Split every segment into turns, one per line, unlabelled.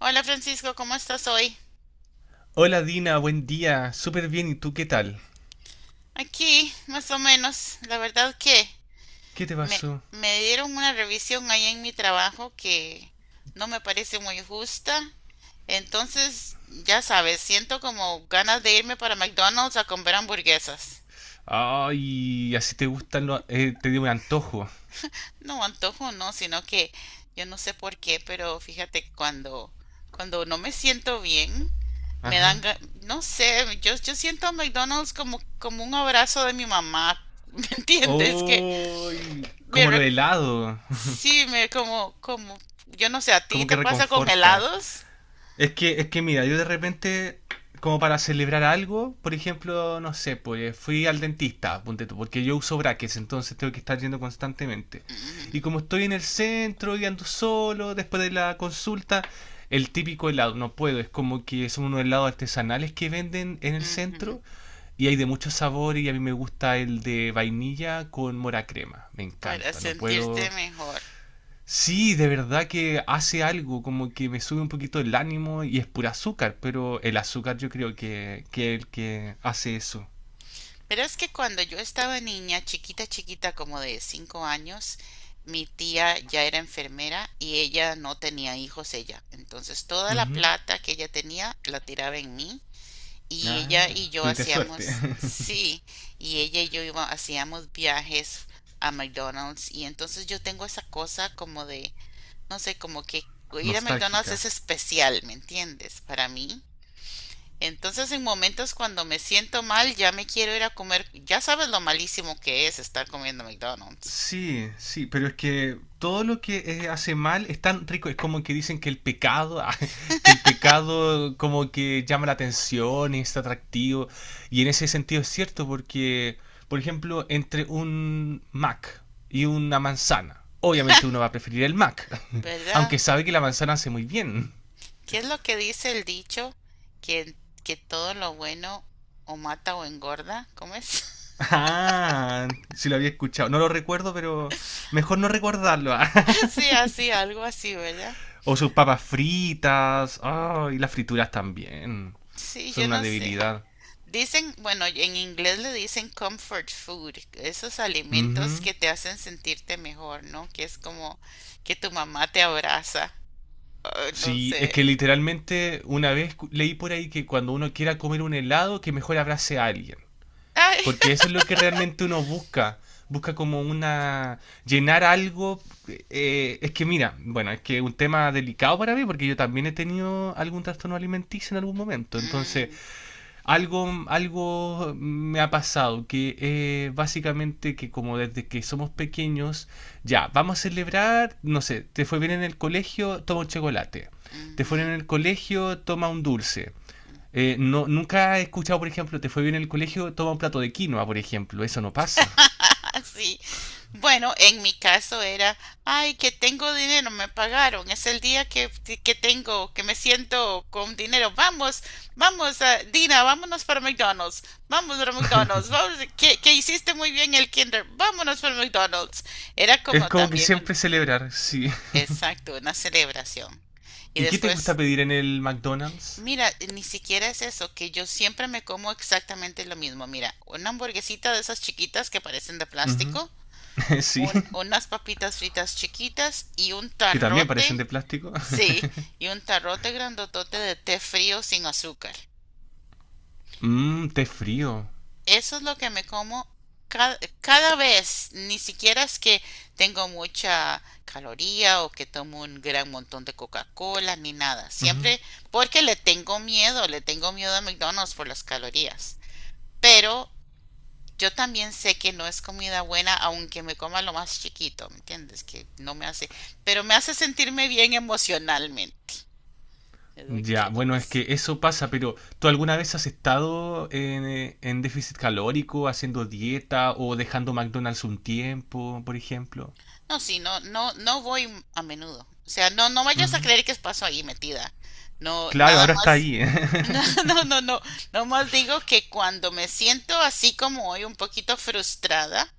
Hola Francisco, ¿cómo estás hoy?
Hola Dina, buen día. Súper bien, ¿y tú qué tal?
Aquí, más o menos. La verdad que
¿Qué te
me,
pasó?
me dieron una revisión ahí en mi trabajo que no me parece muy justa. Entonces, ya sabes, siento como ganas de irme para McDonald's a comer hamburguesas.
Ay, así te gustan los... te dio un antojo.
No antojo, no, sino que yo no sé por qué, pero fíjate, que cuando no me siento bien, me dan,
Ajá.
no sé, yo siento a McDonald's como, como un abrazo de mi mamá. ¿Me entiendes? Que
¡Uy, como lo
recuerda.
helado!
Sí, me como, como, yo no sé, ¿a ti
Como que
te pasa con
reconforta.
helados?
Es que mira, yo de repente, como para celebrar algo, por ejemplo, no sé, pues fui al dentista, ponte tú, porque yo uso brackets, entonces tengo que estar yendo constantemente.
Ujú,
Y como estoy en el centro y ando solo, después de la consulta, el típico helado, no puedo, es como que son unos helados artesanales que venden en el
ujú,
centro y hay de mucho sabor y a mí me gusta el de vainilla con mora crema, me
para
encanta, no
sentirte
puedo.
mejor.
Sí, de verdad que hace algo, como que me sube un poquito el ánimo y es pura azúcar, pero el azúcar yo creo que es el que hace eso.
Pero es que cuando yo estaba niña, chiquita, chiquita, como de 5 años, mi tía ya era enfermera y ella no tenía hijos ella. Entonces toda la
Ujú.
plata que ella tenía la tiraba en mí y ella y
Ah,
yo
tuviste suerte.
hacíamos, sí, y ella y hacíamos viajes a McDonald's y entonces yo tengo esa cosa como de no sé, como que ir a McDonald's
Nostálgica.
es especial, ¿me entiendes? Para mí. Entonces, en momentos cuando me siento mal, ya me quiero ir a comer. Ya sabes lo malísimo que es estar comiendo McDonald's,
Sí, sí, pero es que todo lo que hace mal es tan rico, es como que dicen que el pecado, ah, que el pecado como que llama la atención, es atractivo, y en ese sentido es cierto porque, por ejemplo, entre un Mac y una manzana, obviamente uno va a preferir el Mac,
¿verdad?
aunque sabe que la manzana hace muy bien.
¿Qué es lo que dice el dicho? Que, que todo lo bueno o mata o engorda, ¿cómo es?
Ah, sí lo había escuchado, no lo recuerdo, pero mejor no recordarlo.
Sí, así, algo así, ¿verdad?
O sus papas fritas. Ah, y las frituras también.
Sí,
Son
yo
una
no sé.
debilidad.
Dicen, bueno, en inglés le dicen comfort food, esos alimentos
Ujú.
que te hacen sentirte mejor, ¿no? Que es como que tu mamá te abraza. Ay, no
Sí, es
sé.
que literalmente una vez leí por ahí que cuando uno quiera comer un helado, que mejor abrace a alguien.
Ay.
Porque eso es lo que realmente uno busca. Busca como una... llenar algo. Es que mira, bueno, es que es un tema delicado para mí porque yo también he tenido algún trastorno alimenticio en algún momento. Entonces,
Mm,
algo me ha pasado, que básicamente que como desde que somos pequeños, ya, vamos a celebrar, no sé, te fue bien en el colegio, toma un chocolate, te fue bien
ujú,
en el colegio, toma un dulce.
ujú.
No, nunca he escuchado, por ejemplo, te fue bien en el colegio, toma un plato de quinoa, por ejemplo, eso no pasa.
Sí. Bueno, en mi caso era, ay, que tengo dinero, me pagaron, es el día que tengo, que me siento con dinero. Vamos, vamos, ah, Dina, vámonos para McDonald's, vamos, que hiciste muy bien el kinder, vámonos para McDonald's. Era
Es
como
como que
también un,
siempre celebrar, sí.
exacto, una celebración. Y
¿Y qué te gusta
después,
pedir en el McDonald's?
mira, ni siquiera es eso, que yo siempre me como exactamente lo mismo. Mira, una hamburguesita de esas chiquitas que parecen de
Ujú.
plástico
Sí,
unas papitas fritas chiquitas y un
que también parecen
tarrote,
de plástico.
sí, y un tarrote grandotote de té frío sin azúcar.
Mmm, té frío.
Eso es lo que me como cada vez, ni siquiera es que tengo mucha caloría o que tomo un gran montón de Coca-Cola ni nada.
Ujú.
Siempre porque le tengo miedo a McDonald's por las calorías. Pero yo también sé que no es comida buena, aunque me coma lo más chiquito, ¿me entiendes? Que no me hace, pero me hace sentirme bien emocionalmente, es lo que
Ya,
quiero
bueno, es
decir.
que eso pasa, pero ¿tú alguna vez has estado en déficit calórico, haciendo dieta o dejando McDonald's un tiempo, por ejemplo?
No, sí, no, no, no voy a menudo. O sea, no, no vayas a
Ujú.
creer que paso ahí metida. No,
Claro,
nada
ahora está
más.
ahí, ¿eh?
No, no, no, no. No más digo que cuando me siento así como hoy, un poquito frustrada,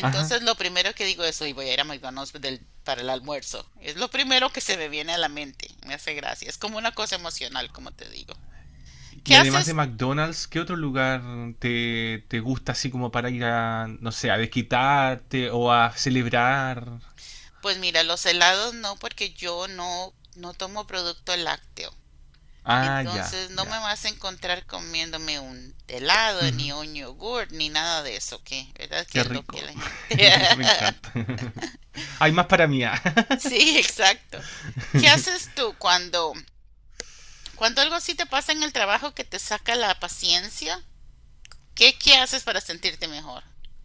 Ajá.
lo primero que digo es, hoy voy a ir a McDonald's para el almuerzo. Es lo primero que se me viene a la mente. Me hace gracia. Es como una cosa emocional, como te digo. ¿Qué
Y además de
haces?
McDonald's, ¿qué otro lugar te gusta así como para ir a, no sé, a desquitarte o a celebrar?
Pues mira, los helados no, porque yo no, no tomo producto lácteo.
Ah, ya,
Entonces no
ya.
me vas a encontrar comiéndome un helado, ni
Ujú.
un yogurt, ni nada de eso, ¿qué? ¿Verdad? Que
Qué
es lo que
rico.
la gente...
Me encanta. Hay más para mí, ¿eh?
Sí, exacto. ¿Qué haces tú cuando algo así te pasa en el trabajo que te saca la paciencia? ¿Qué, qué haces para sentirte mejor?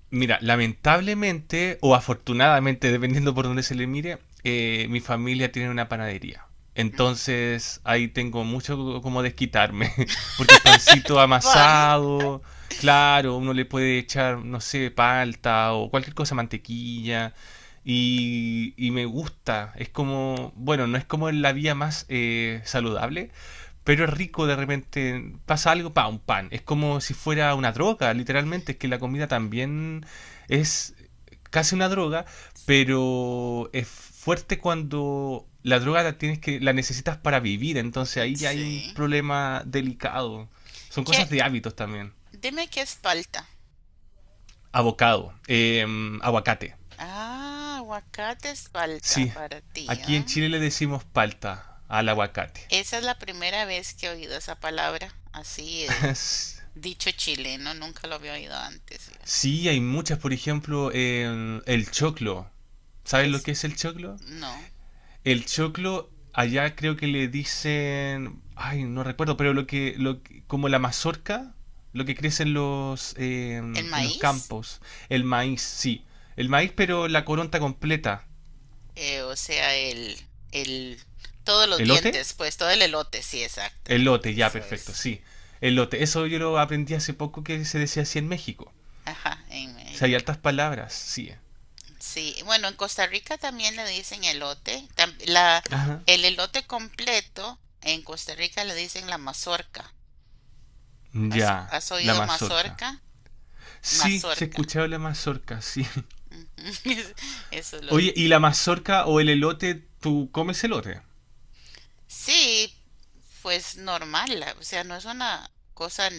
Mira, lamentablemente o afortunadamente, dependiendo por donde se le mire, mi familia tiene una panadería. Entonces ahí tengo mucho como desquitarme, porque es pancito
Pan,
amasado, claro, uno le puede echar, no sé, palta o cualquier cosa, mantequilla, y me gusta, es como, bueno, no es como la vía más saludable, pero es rico. De repente, pasa algo, pa, un pan. Es como si fuera una droga, literalmente, es que la comida también es casi una droga, pero es fuerte cuando la droga la necesitas para vivir, entonces ahí ya hay un
sí.
problema delicado. Son
¿Qué?
cosas de hábitos también.
Dime qué es palta.
Avocado, aguacate.
Ah, aguacate es palta
Sí,
para ti,
aquí en
¿ah?
Chile le decimos palta al aguacate.
Esa es la primera vez que he oído esa palabra, así de dicho chileno, nunca lo había oído antes, fíjate.
Sí, hay muchas, por ejemplo, en el choclo. ¿Sabes
¿Qué
lo
es?
que es el choclo?
No.
El choclo, allá creo que le dicen, ay, no recuerdo, pero como la mazorca, lo que crece
¿El
en los
maíz?
campos. El maíz, sí. El maíz, pero la coronta completa.
O sea, el, todos los
¿Elote?
dientes, pues, todo el elote, sí,
Elote,
exactamente,
ya,
eso
perfecto,
es.
sí. Elote. Eso yo lo aprendí hace poco que se decía así en México.
Ajá, en
O sea, hay
México.
altas palabras, sí.
Sí, bueno, en Costa Rica también le dicen elote.
Ajá.
El elote completo en Costa Rica le dicen la mazorca. ¿Has,
Ya,
has
la
oído
mazorca.
mazorca?
Sí, se
Mazorca.
escuchaba la mazorca, sí.
Ujú. Eso lo
Oye,
dice.
¿y la mazorca o el elote, tú comes elote?
Sí, pues normal, o sea, no es una cosa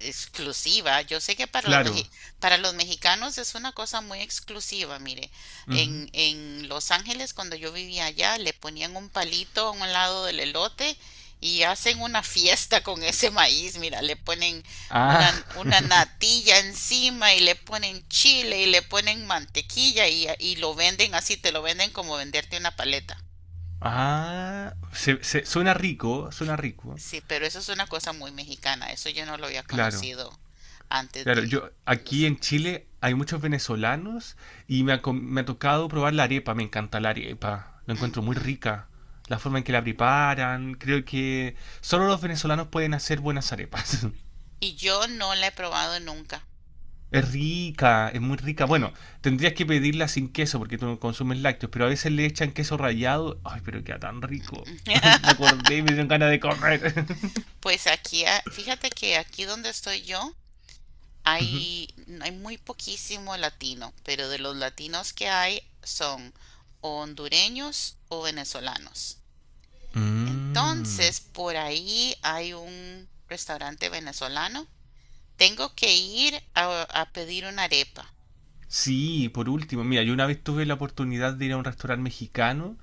exclusiva. Yo sé que para
Claro.
para los mexicanos es una cosa muy exclusiva. Mire,
Ujú.
en Los Ángeles, cuando yo vivía allá, le ponían un palito a un lado del elote y hacen una fiesta con ese maíz. Mira, le ponen
Ah,
una natilla encima y le ponen chile y le ponen mantequilla y lo venden así, te lo venden como venderte una paleta.
ah, suena rico, suena rico.
Sí, pero eso es una cosa muy mexicana. Eso yo no lo había
Claro,
conocido antes
claro.
de
Yo
Los
aquí en
Ángeles.
Chile hay muchos venezolanos y me ha, me ha tocado probar la arepa. Me encanta la arepa. Lo encuentro muy
Ujú.
rica. La forma en que la preparan. Creo que solo los venezolanos pueden hacer buenas arepas.
Y yo no la he probado nunca.
Es rica, es muy rica. Bueno, tendrías que pedirla sin queso porque tú no consumes lácteos, pero a veces le echan queso rallado. Ay, pero queda tan rico. Me acordé y me dieron ganas de correr.
Pues aquí, ah, fíjate que aquí donde estoy yo hay, hay muy poquísimo latino, pero de los latinos que hay son o hondureños o venezolanos.
Mm.
Entonces, por ahí hay un restaurante venezolano. Tengo que ir a pedir una arepa.
Sí, por último, mira, yo una vez tuve la oportunidad de ir a un restaurante mexicano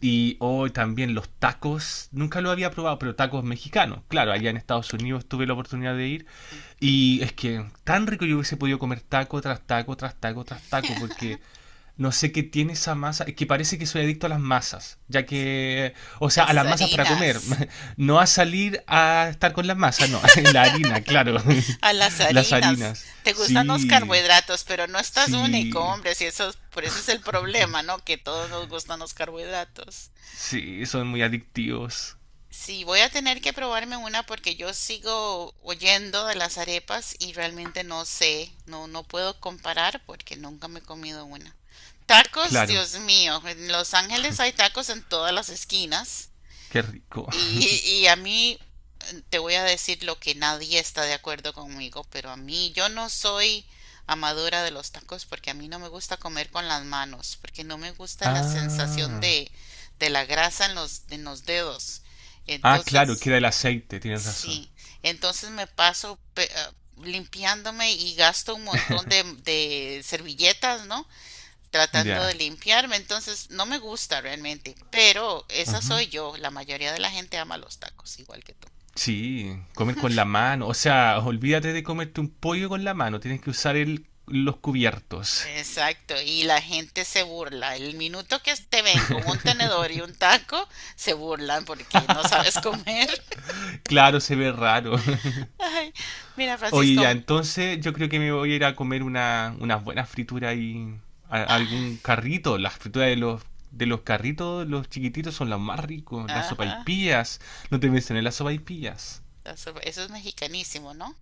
y hoy también los tacos, nunca lo había probado, pero tacos mexicanos. Claro, allá en Estados Unidos tuve la oportunidad de ir
Ujú.
y es que tan rico yo hubiese podido comer taco tras taco, tras taco, tras taco, porque no sé qué tiene esa masa, es que parece que soy adicto a las masas, ya que, o sea, a
Las
las masas para comer,
harinas.
no a salir a estar con las masas, no, la harina, claro,
A las
las
harinas.
harinas,
Te gustan los
sí,
carbohidratos, pero no estás único,
sí,
hombre. Si eso, por eso es el problema, ¿no? Que todos nos gustan los carbohidratos.
sí, son muy adictivos,
Sí, voy a tener que probarme una porque yo sigo oyendo de las arepas y realmente no sé, no, no puedo comparar porque nunca me he comido una. Tacos,
claro,
Dios mío, en Los Ángeles hay tacos en todas las esquinas
qué rico.
y a mí te voy a decir lo que nadie está de acuerdo conmigo, pero a mí yo no soy amadora de los tacos porque a mí no me gusta comer con las manos, porque no me gusta la sensación
Ah,
de la grasa en los dedos.
ah, claro,
Entonces,
queda el aceite, tienes razón,
sí, entonces me paso pe- ah, limpiándome y gasto un montón de servilletas, ¿no? Tratando de
ya.
limpiarme, entonces no me gusta realmente, pero esa
Ujú.
soy yo, la mayoría de la gente ama los tacos, igual que tú.
Sí, comer con la mano, o sea, olvídate de comerte un pollo con la mano, tienes que usar los cubiertos.
Exacto, y la gente se burla. El minuto que te ven con un tenedor y un taco, se burlan porque no sabes comer.
Claro, se ve raro.
Ay, mira,
Oye,
Francisco,
ya, entonces yo creo que me voy a ir a comer unas buenas frituras y
ah,
algún carrito. Las frituras de los carritos, los chiquititos, son los más ricos. Las
ajá,
sopaipillas. No te mencioné las sopaipillas.
eso es mexicanísimo, ¿no?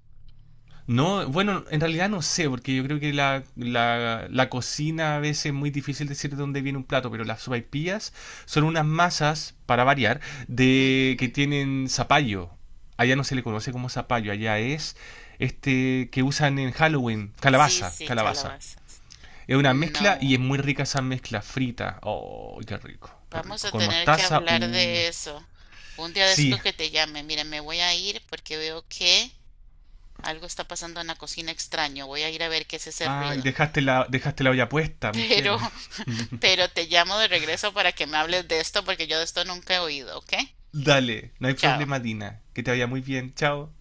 No, bueno, en realidad no sé, porque yo creo que la cocina a veces es muy difícil decir de dónde viene un plato, pero las sopaipillas son unas masas, para variar, de que
Ujú.
tienen zapallo. Allá no se le conoce como zapallo, allá es este que usan en Halloween,
Sí,
calabaza,
sí,
calabaza.
calabazas.
Es una mezcla y
No,
es muy rica esa mezcla frita. Oh, qué rico, qué
vamos
rico.
a
Con
tener que
mostaza,
hablar
uh.
de eso. Un día de estos
Sí.
que te llame. Mira, me voy a ir porque veo que algo está pasando en la cocina extraño. Voy a ir a ver qué es ese
Ay,
ruido.
dejaste la olla puesta, mujer.
Pero, pero te llamo de regreso para que me hables de esto porque yo de esto nunca he oído, ¿ok?
Dale, no hay
Chao.
problema, Dina. Que te vaya muy bien. Chao.